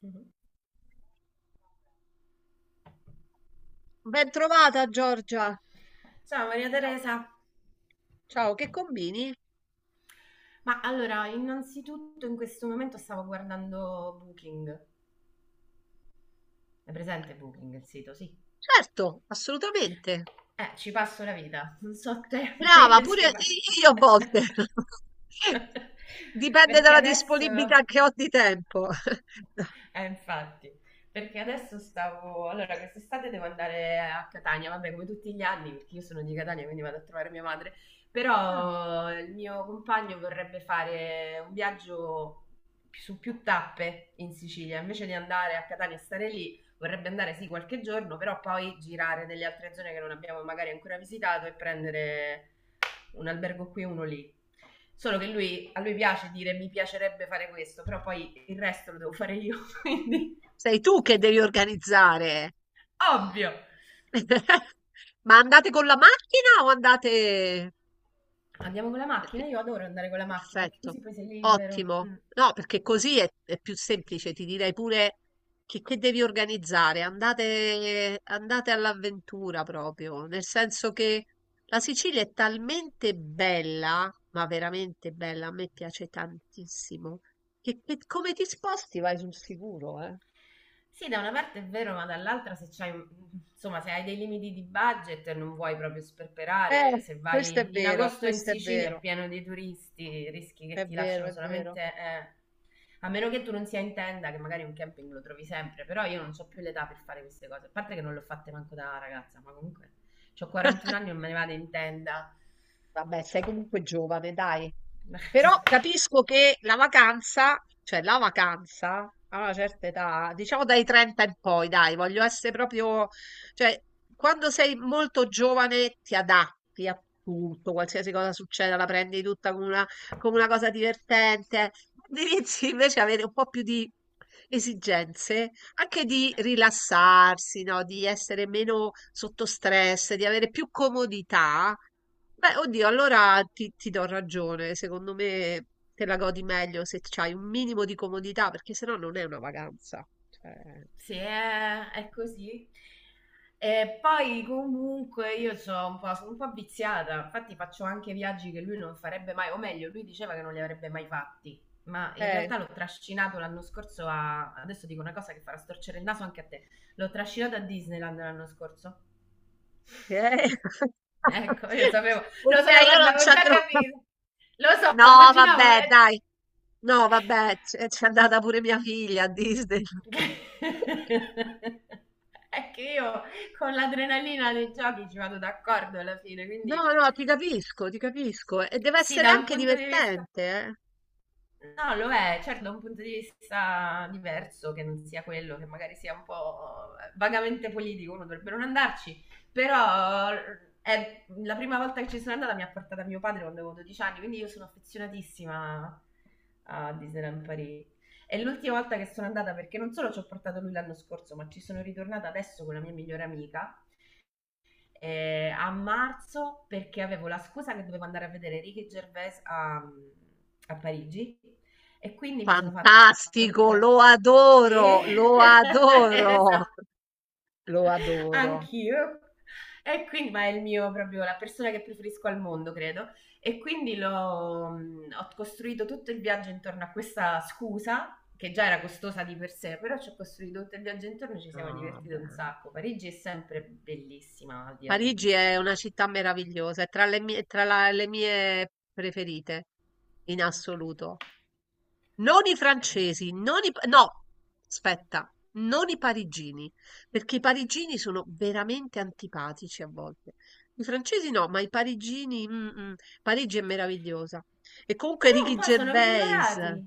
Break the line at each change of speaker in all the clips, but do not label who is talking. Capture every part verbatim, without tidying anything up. Mhm.
Ben trovata Giorgia.
Ciao Maria
Ciao,
Teresa,
ciao, che combini?
ma allora innanzitutto in questo momento stavo guardando Booking. È presente Booking il sito? Sì.
Certo, assolutamente.
Eh, ci passo la vita, non so te, ma
Brava,
io ci
pure
passo.
io a volte. Dipende
Perché
dalla
adesso
disponibilità che ho di tempo.
Eh, infatti, perché adesso stavo... Allora, quest'estate devo andare a Catania, vabbè, come tutti gli anni, perché io sono di Catania, quindi vado a trovare mia madre,
Mm,
però il mio compagno vorrebbe fare un viaggio su più tappe in Sicilia, invece di andare a Catania e stare lì, vorrebbe andare sì qualche giorno, però poi girare nelle altre zone che non abbiamo magari ancora visitato e prendere un albergo qui e uno lì. Solo che lui, a lui piace dire mi piacerebbe fare questo, però poi il resto lo devo fare io, quindi
sei tu che devi organizzare.
ovvio.
Ma andate con la macchina o andate...
Andiamo con la
Perché?
macchina, io adoro andare con la macchina perché
Perfetto,
così poi sei libero.
ottimo.
Mm.
No, perché così è, è più semplice, ti direi pure che, che devi organizzare, andate, andate all'avventura proprio, nel senso che la Sicilia è talmente bella, ma veramente bella, a me piace tantissimo, che, che come ti sposti vai sul sicuro, eh.
Sì, da una parte è vero, ma dall'altra se c'hai, insomma, se hai dei limiti di budget e non vuoi proprio sperperare,
Eh,
se
questo è
vai in
vero,
agosto in
questo è
Sicilia è
vero,
pieno di turisti, rischi che
è
ti
vero,
lasciano
è vero.
solamente, eh, a meno che tu non sia in tenda, che magari un camping lo trovi sempre, però io non ho più l'età per fare queste cose, a parte che non le ho fatte manco da ragazza, ma comunque ho quarantuno anni e non me ne vado in tenda.
Vabbè, sei comunque giovane, dai. Però capisco che la vacanza, cioè la vacanza a una certa età, diciamo dai trenta in poi, dai, voglio essere proprio, cioè quando sei molto giovane ti adatti a tutto, qualsiasi cosa succeda, la prendi tutta come una, come una cosa divertente. Quando inizi invece a avere un po' più di esigenze, anche di
Eh,
rilassarsi, no? Di essere meno sotto stress, di avere più comodità. Beh, oddio, allora ti, ti do ragione. Secondo me te la godi meglio se c'hai un minimo di comodità, perché sennò non è una vacanza. Cioè,
Sì, è, è così. E poi comunque io sono un po', sono un po' viziata, infatti faccio anche viaggi che lui non farebbe mai, o meglio, lui diceva che non li avrebbe mai fatti, ma in
eh,
realtà l'ho trascinato l'anno scorso a, adesso dico una cosa che farà storcere il naso anche a te, l'ho trascinato a Disneyland l'anno scorso.
eh.
Ecco, io sapevo, lo
Ok,
sapevo,
io
guarda,
non ci
avevo già
andrò.
capito, lo so,
No,
immaginavo,
vabbè,
eh.
dai. No, vabbè, c'è c'è andata pure mia figlia a Disney.
È che io con l'adrenalina dei giochi ci vado d'accordo alla fine, quindi
No, no, ti capisco, ti capisco. E deve
sì,
essere
da un
anche
punto di vista
divertente, eh.
No, lo è, certo, da un punto di vista diverso, che non sia quello, che magari sia un po' vagamente politico, uno dovrebbe non andarci, però è la prima volta che ci sono andata mi ha portata mio padre quando avevo dodici anni, quindi io sono affezionatissima a Disneyland Paris. È l'ultima volta che sono andata perché non solo ci ho portato lui l'anno scorso, ma ci sono ritornata adesso con la mia migliore amica eh, a marzo perché avevo la scusa che dovevo andare a vedere Ricky Gervais a, a Parigi e quindi mi sono fatta tutta
Fantastico,
la...
lo
Sì,
adoro, lo adoro,
esatto.
lo adoro.
Anch'io. E quindi, ma è il mio proprio, la persona che preferisco al mondo, credo. E quindi l'ho, mh, ho costruito tutto il viaggio intorno a questa scusa, che già era costosa di per sé, però ci ho costruito tutto il viaggio intorno e ci siamo
Ah,
divertiti un
bene.
sacco. Parigi è sempre bellissima, al di là di
Parigi è
Disneyland,
una
dico.
città meravigliosa, è tra le mie, tra la- le mie preferite in assoluto. Non i
Eh.
francesi, non i, pa- no, aspetta, non i parigini, perché i parigini sono veramente antipatici a volte. I francesi no, ma i parigini, mm, mm, Parigi è meravigliosa. E comunque
Però un
Ricky
po' sono
Gervais,
migliorati.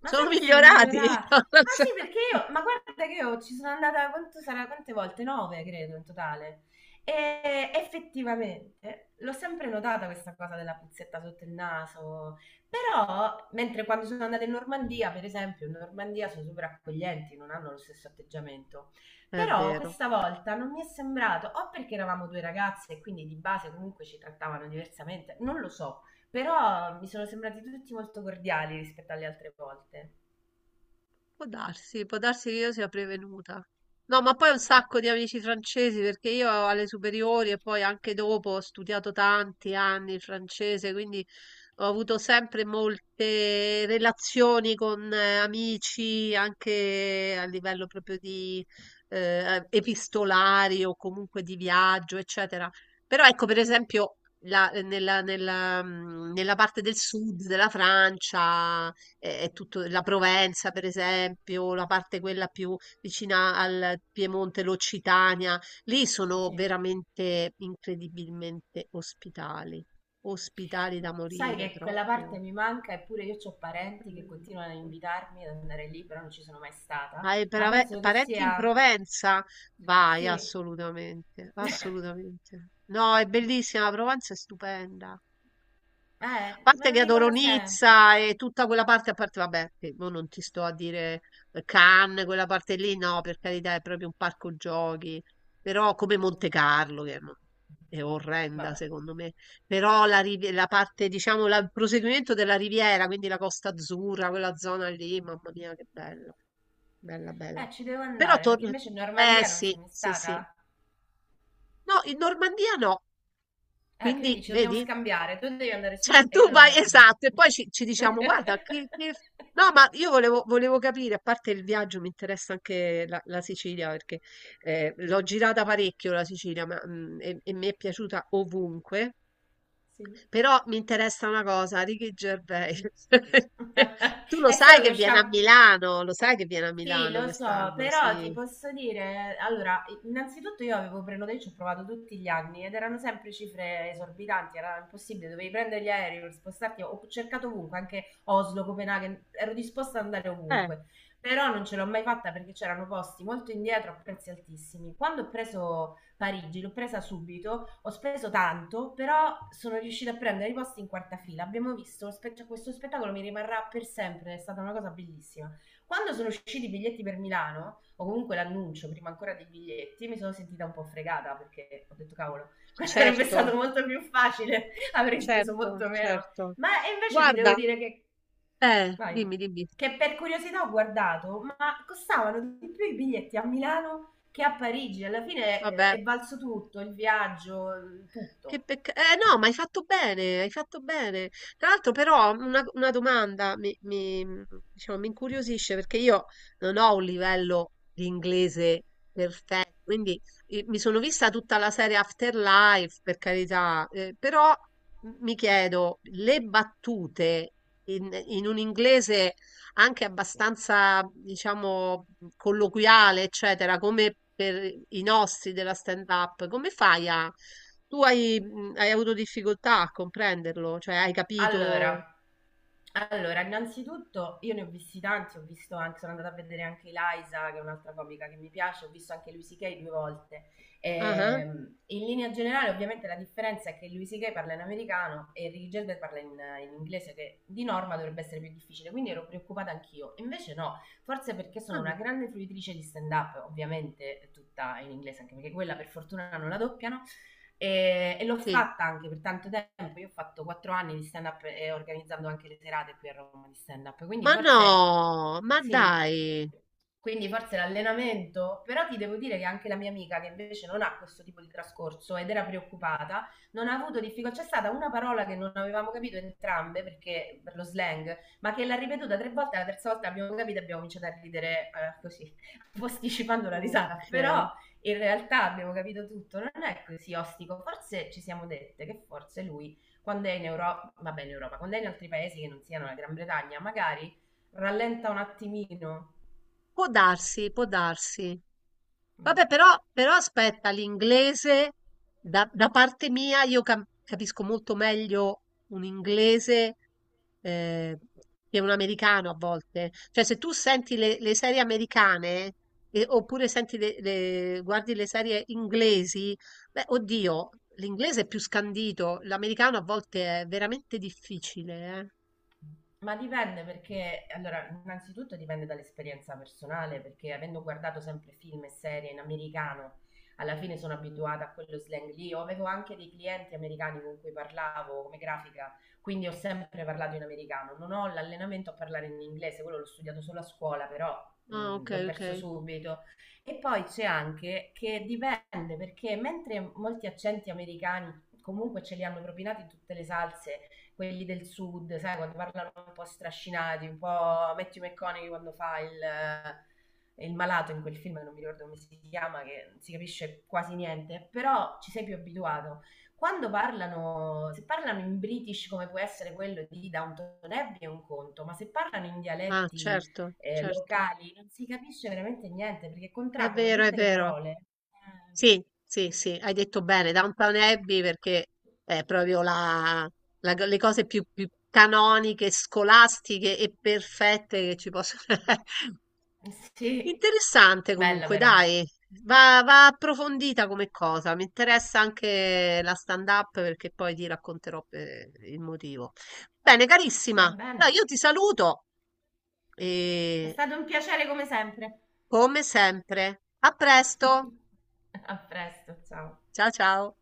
Ma
sono
sai che sono
migliorati,
migliorati?
non lo
Ma
so.
sì, perché io, ma guarda che io ci sono andata, quanto sarà, quante volte? Nove, credo, in totale. E effettivamente l'ho sempre notata questa cosa della puzzetta sotto il naso. Però, mentre quando sono andata in Normandia, per esempio, in Normandia sono super accoglienti, non hanno lo stesso atteggiamento.
È
Però
vero.
questa volta non mi è sembrato, o perché eravamo due ragazze e quindi di base comunque ci trattavano diversamente, non lo so. Però mi sono sembrati tutti molto cordiali rispetto alle altre volte.
Può darsi, può darsi che io sia prevenuta. No, ma poi ho un
No,
sacco di amici francesi perché io alle superiori e poi anche dopo ho studiato tanti anni il francese, quindi ho avuto sempre molte relazioni con eh, amici anche a livello proprio di eh, epistolari o comunque di viaggio, eccetera. Però ecco, per esempio, la- nella, nella, mm, nella parte del sud della Francia eh, è tutto la Provenza, per esempio, la parte quella più vicina al Piemonte, l'Occitania, lì sono
sì.
veramente incredibilmente ospitali, ospitali da
Ma sai
morire
che quella
proprio.
parte mi manca, eppure io ho parenti che
Mm.
continuano a invitarmi ad andare lì, però non ci sono mai stata.
Hai
Ma
prave-
penso che
parenti in
sia...
Provenza? Vai,
Sì, eh,
assolutamente, assolutamente. No, è bellissima, la Provenza è stupenda.
me
Parte
lo
che adoro
dicono sempre.
Nizza e tutta quella parte, a parte, vabbè, che mo non ti sto a dire eh, Cannes, quella parte lì, no, per carità, è proprio un parco giochi, però come Monte Carlo, che non- è orrenda
Vabbè.
secondo me, però la, rivi- la parte, diciamo, la- il proseguimento della Riviera, quindi la Costa Azzurra, quella zona lì, mamma mia, che bella, bella, bella.
Eh, ci devo
Però
andare, perché
torno,
invece in
eh
Normandia non sei
sì,
mai
sì, sì.
stata.
No, in Normandia no,
Eh, quindi
quindi,
ci dobbiamo
vedi?
scambiare. Tu devi andare su
Cioè,
e
tu
io devo
vai,
andare giù.
esatto, e poi ci, ci diciamo, guarda, che, che- no, ma io volevo, volevo capire, a parte il viaggio, mi interessa anche la, la Sicilia, perché eh, l'ho girata parecchio la Sicilia, ma, mm, e, e mi è piaciuta ovunque,
Sì.
però mi interessa una cosa, Ricky Gervais. Tu lo
È
sai
solo
che
che
viene a
usciamo...
Milano, lo sai che viene a
Sì,
Milano
lo so,
quest'anno,
però ti
sì.
posso dire, allora, innanzitutto io avevo prenotato, io ci ho provato tutti gli anni ed erano sempre cifre esorbitanti, era impossibile, dovevi prendere gli aerei per spostarti, ho cercato ovunque, anche Oslo, Copenaghen, ero disposta ad andare
Eh,
ovunque, però non ce l'ho mai fatta perché c'erano posti molto indietro a prezzi altissimi. Quando ho preso Parigi, l'ho presa subito, ho speso tanto, però sono riuscita a prendere i posti in quarta fila, abbiamo visto, lo spe- cioè, questo spettacolo mi rimarrà per sempre, è stata una cosa bellissima. Quando sono usciti i biglietti per Milano, o comunque l'annuncio prima ancora dei biglietti, mi sono sentita un po' fregata perché ho detto cavolo, questo sarebbe
certo,
stato molto più facile, avrei speso
certo,
molto meno.
certo.
Ma e invece ti devo
Guarda,
dire che...
eh,
Vai.
dimmi, dimmi,
Che per curiosità ho guardato, ma costavano di più i biglietti a Milano che a Parigi. Alla fine è,
vabbè.
è valso tutto, il viaggio,
Che
tutto.
peccato. Eh no, ma hai fatto bene, hai fatto bene. Tra l'altro però una, una domanda mi, mi, mm, diciamo, mi incuriosisce perché io non ho un livello di inglese perfetto, quindi eh, mi sono vista tutta la serie Afterlife, per carità, eh, però m- mi chiedo, le battute in, in un inglese anche abbastanza, diciamo, colloquiale, eccetera, come per i nostri della stand-up, come fai a tu hai, mhmm, hai avuto difficoltà a comprenderlo? Cioè hai capito
Allora, allora, innanzitutto io ne ho visti tanti, ho visto anche, sono andata a vedere anche Eliza, che è un'altra comica che mi piace, ho visto anche Louis C K due volte.
ah-ah,
Ehm, in linea generale, ovviamente, la differenza è che Louis C K parla in americano e Ricky Gervais parla in, in inglese, che di norma dovrebbe essere più difficile, quindi ero preoccupata anch'io. Invece no, forse perché
ah,
sono
ah,
una grande fruitrice di stand-up, ovviamente tutta in inglese, anche perché quella per fortuna non la doppiano, e, e l'ho
sì.
fatta anche per tanto tempo. Io ho fatto quattro anni di stand up e organizzando anche le serate qui a Roma di stand up. Quindi
Ma
forse
no, ma
sì,
dai!
quindi forse l'allenamento, però ti devo dire che anche la mia amica che invece non ha questo tipo di trascorso ed era preoccupata, non ha avuto difficoltà. C'è stata una parola che non avevamo capito entrambe perché per lo slang, ma che l'ha ripetuta tre volte, la terza volta abbiamo capito e abbiamo cominciato a ridere eh, così, posticipando la risata.
Okay.
Però in realtà abbiamo capito tutto, non è così ostico, forse ci siamo dette che forse lui quando è in Europa, vabbè in Europa, quando è in altri paesi che non siano la Gran Bretagna, magari rallenta un attimino.
Può darsi, può darsi.
Mm.
Vabbè, però, però aspetta, l'inglese, da, da parte mia, io cam- capisco molto meglio un inglese eh, che un americano a volte. Cioè, se tu senti le, le serie americane, e- oppure senti le, le- guardi le serie inglesi, beh, oddio, l'inglese è più scandito, l'americano a volte è veramente difficile, eh.
Ma dipende perché, allora, innanzitutto dipende dall'esperienza personale, perché avendo guardato sempre film e serie in americano, alla fine sono abituata a quello slang lì. Io avevo anche dei clienti americani con cui parlavo come grafica, quindi ho sempre parlato in americano. Non ho l'allenamento a parlare in inglese, quello l'ho studiato solo a scuola, però
Ah,
mh,
ok,
l'ho
ok.
perso subito. E poi c'è anche che dipende perché mentre molti accenti americani comunque ce li hanno propinati in tutte le salse quelli del sud, sai, quando parlano un po' strascinati, un po' Matthew McConaughey quando fa il, eh, il malato in quel film che non mi ricordo come si chiama, che non si capisce quasi niente, però ci sei più abituato. Quando parlano, se parlano in British come può essere quello di Downton Abbey è un conto, ma se parlano in
Ah,
dialetti
certo,
eh,
certo.
locali non si capisce veramente niente perché
È
contraggono
vero, è
tutte le
vero.
parole.
Sì, sì, sì, hai detto bene, Downton Abbey perché è proprio la, la co- le cose più, più canoniche, scolastiche e perfette che ci possono essere.
Eh, sì,
Interessante
bella
comunque,
però.
dai, va, va approfondita come cosa, mi interessa anche la stand-up perché poi ti racconterò eh, il motivo. Bene, carissima,
Va bene.
allora io ti saluto
È
e
stato un piacere come sempre.
come sempre, a presto,
A presto, ciao.
ciao ciao.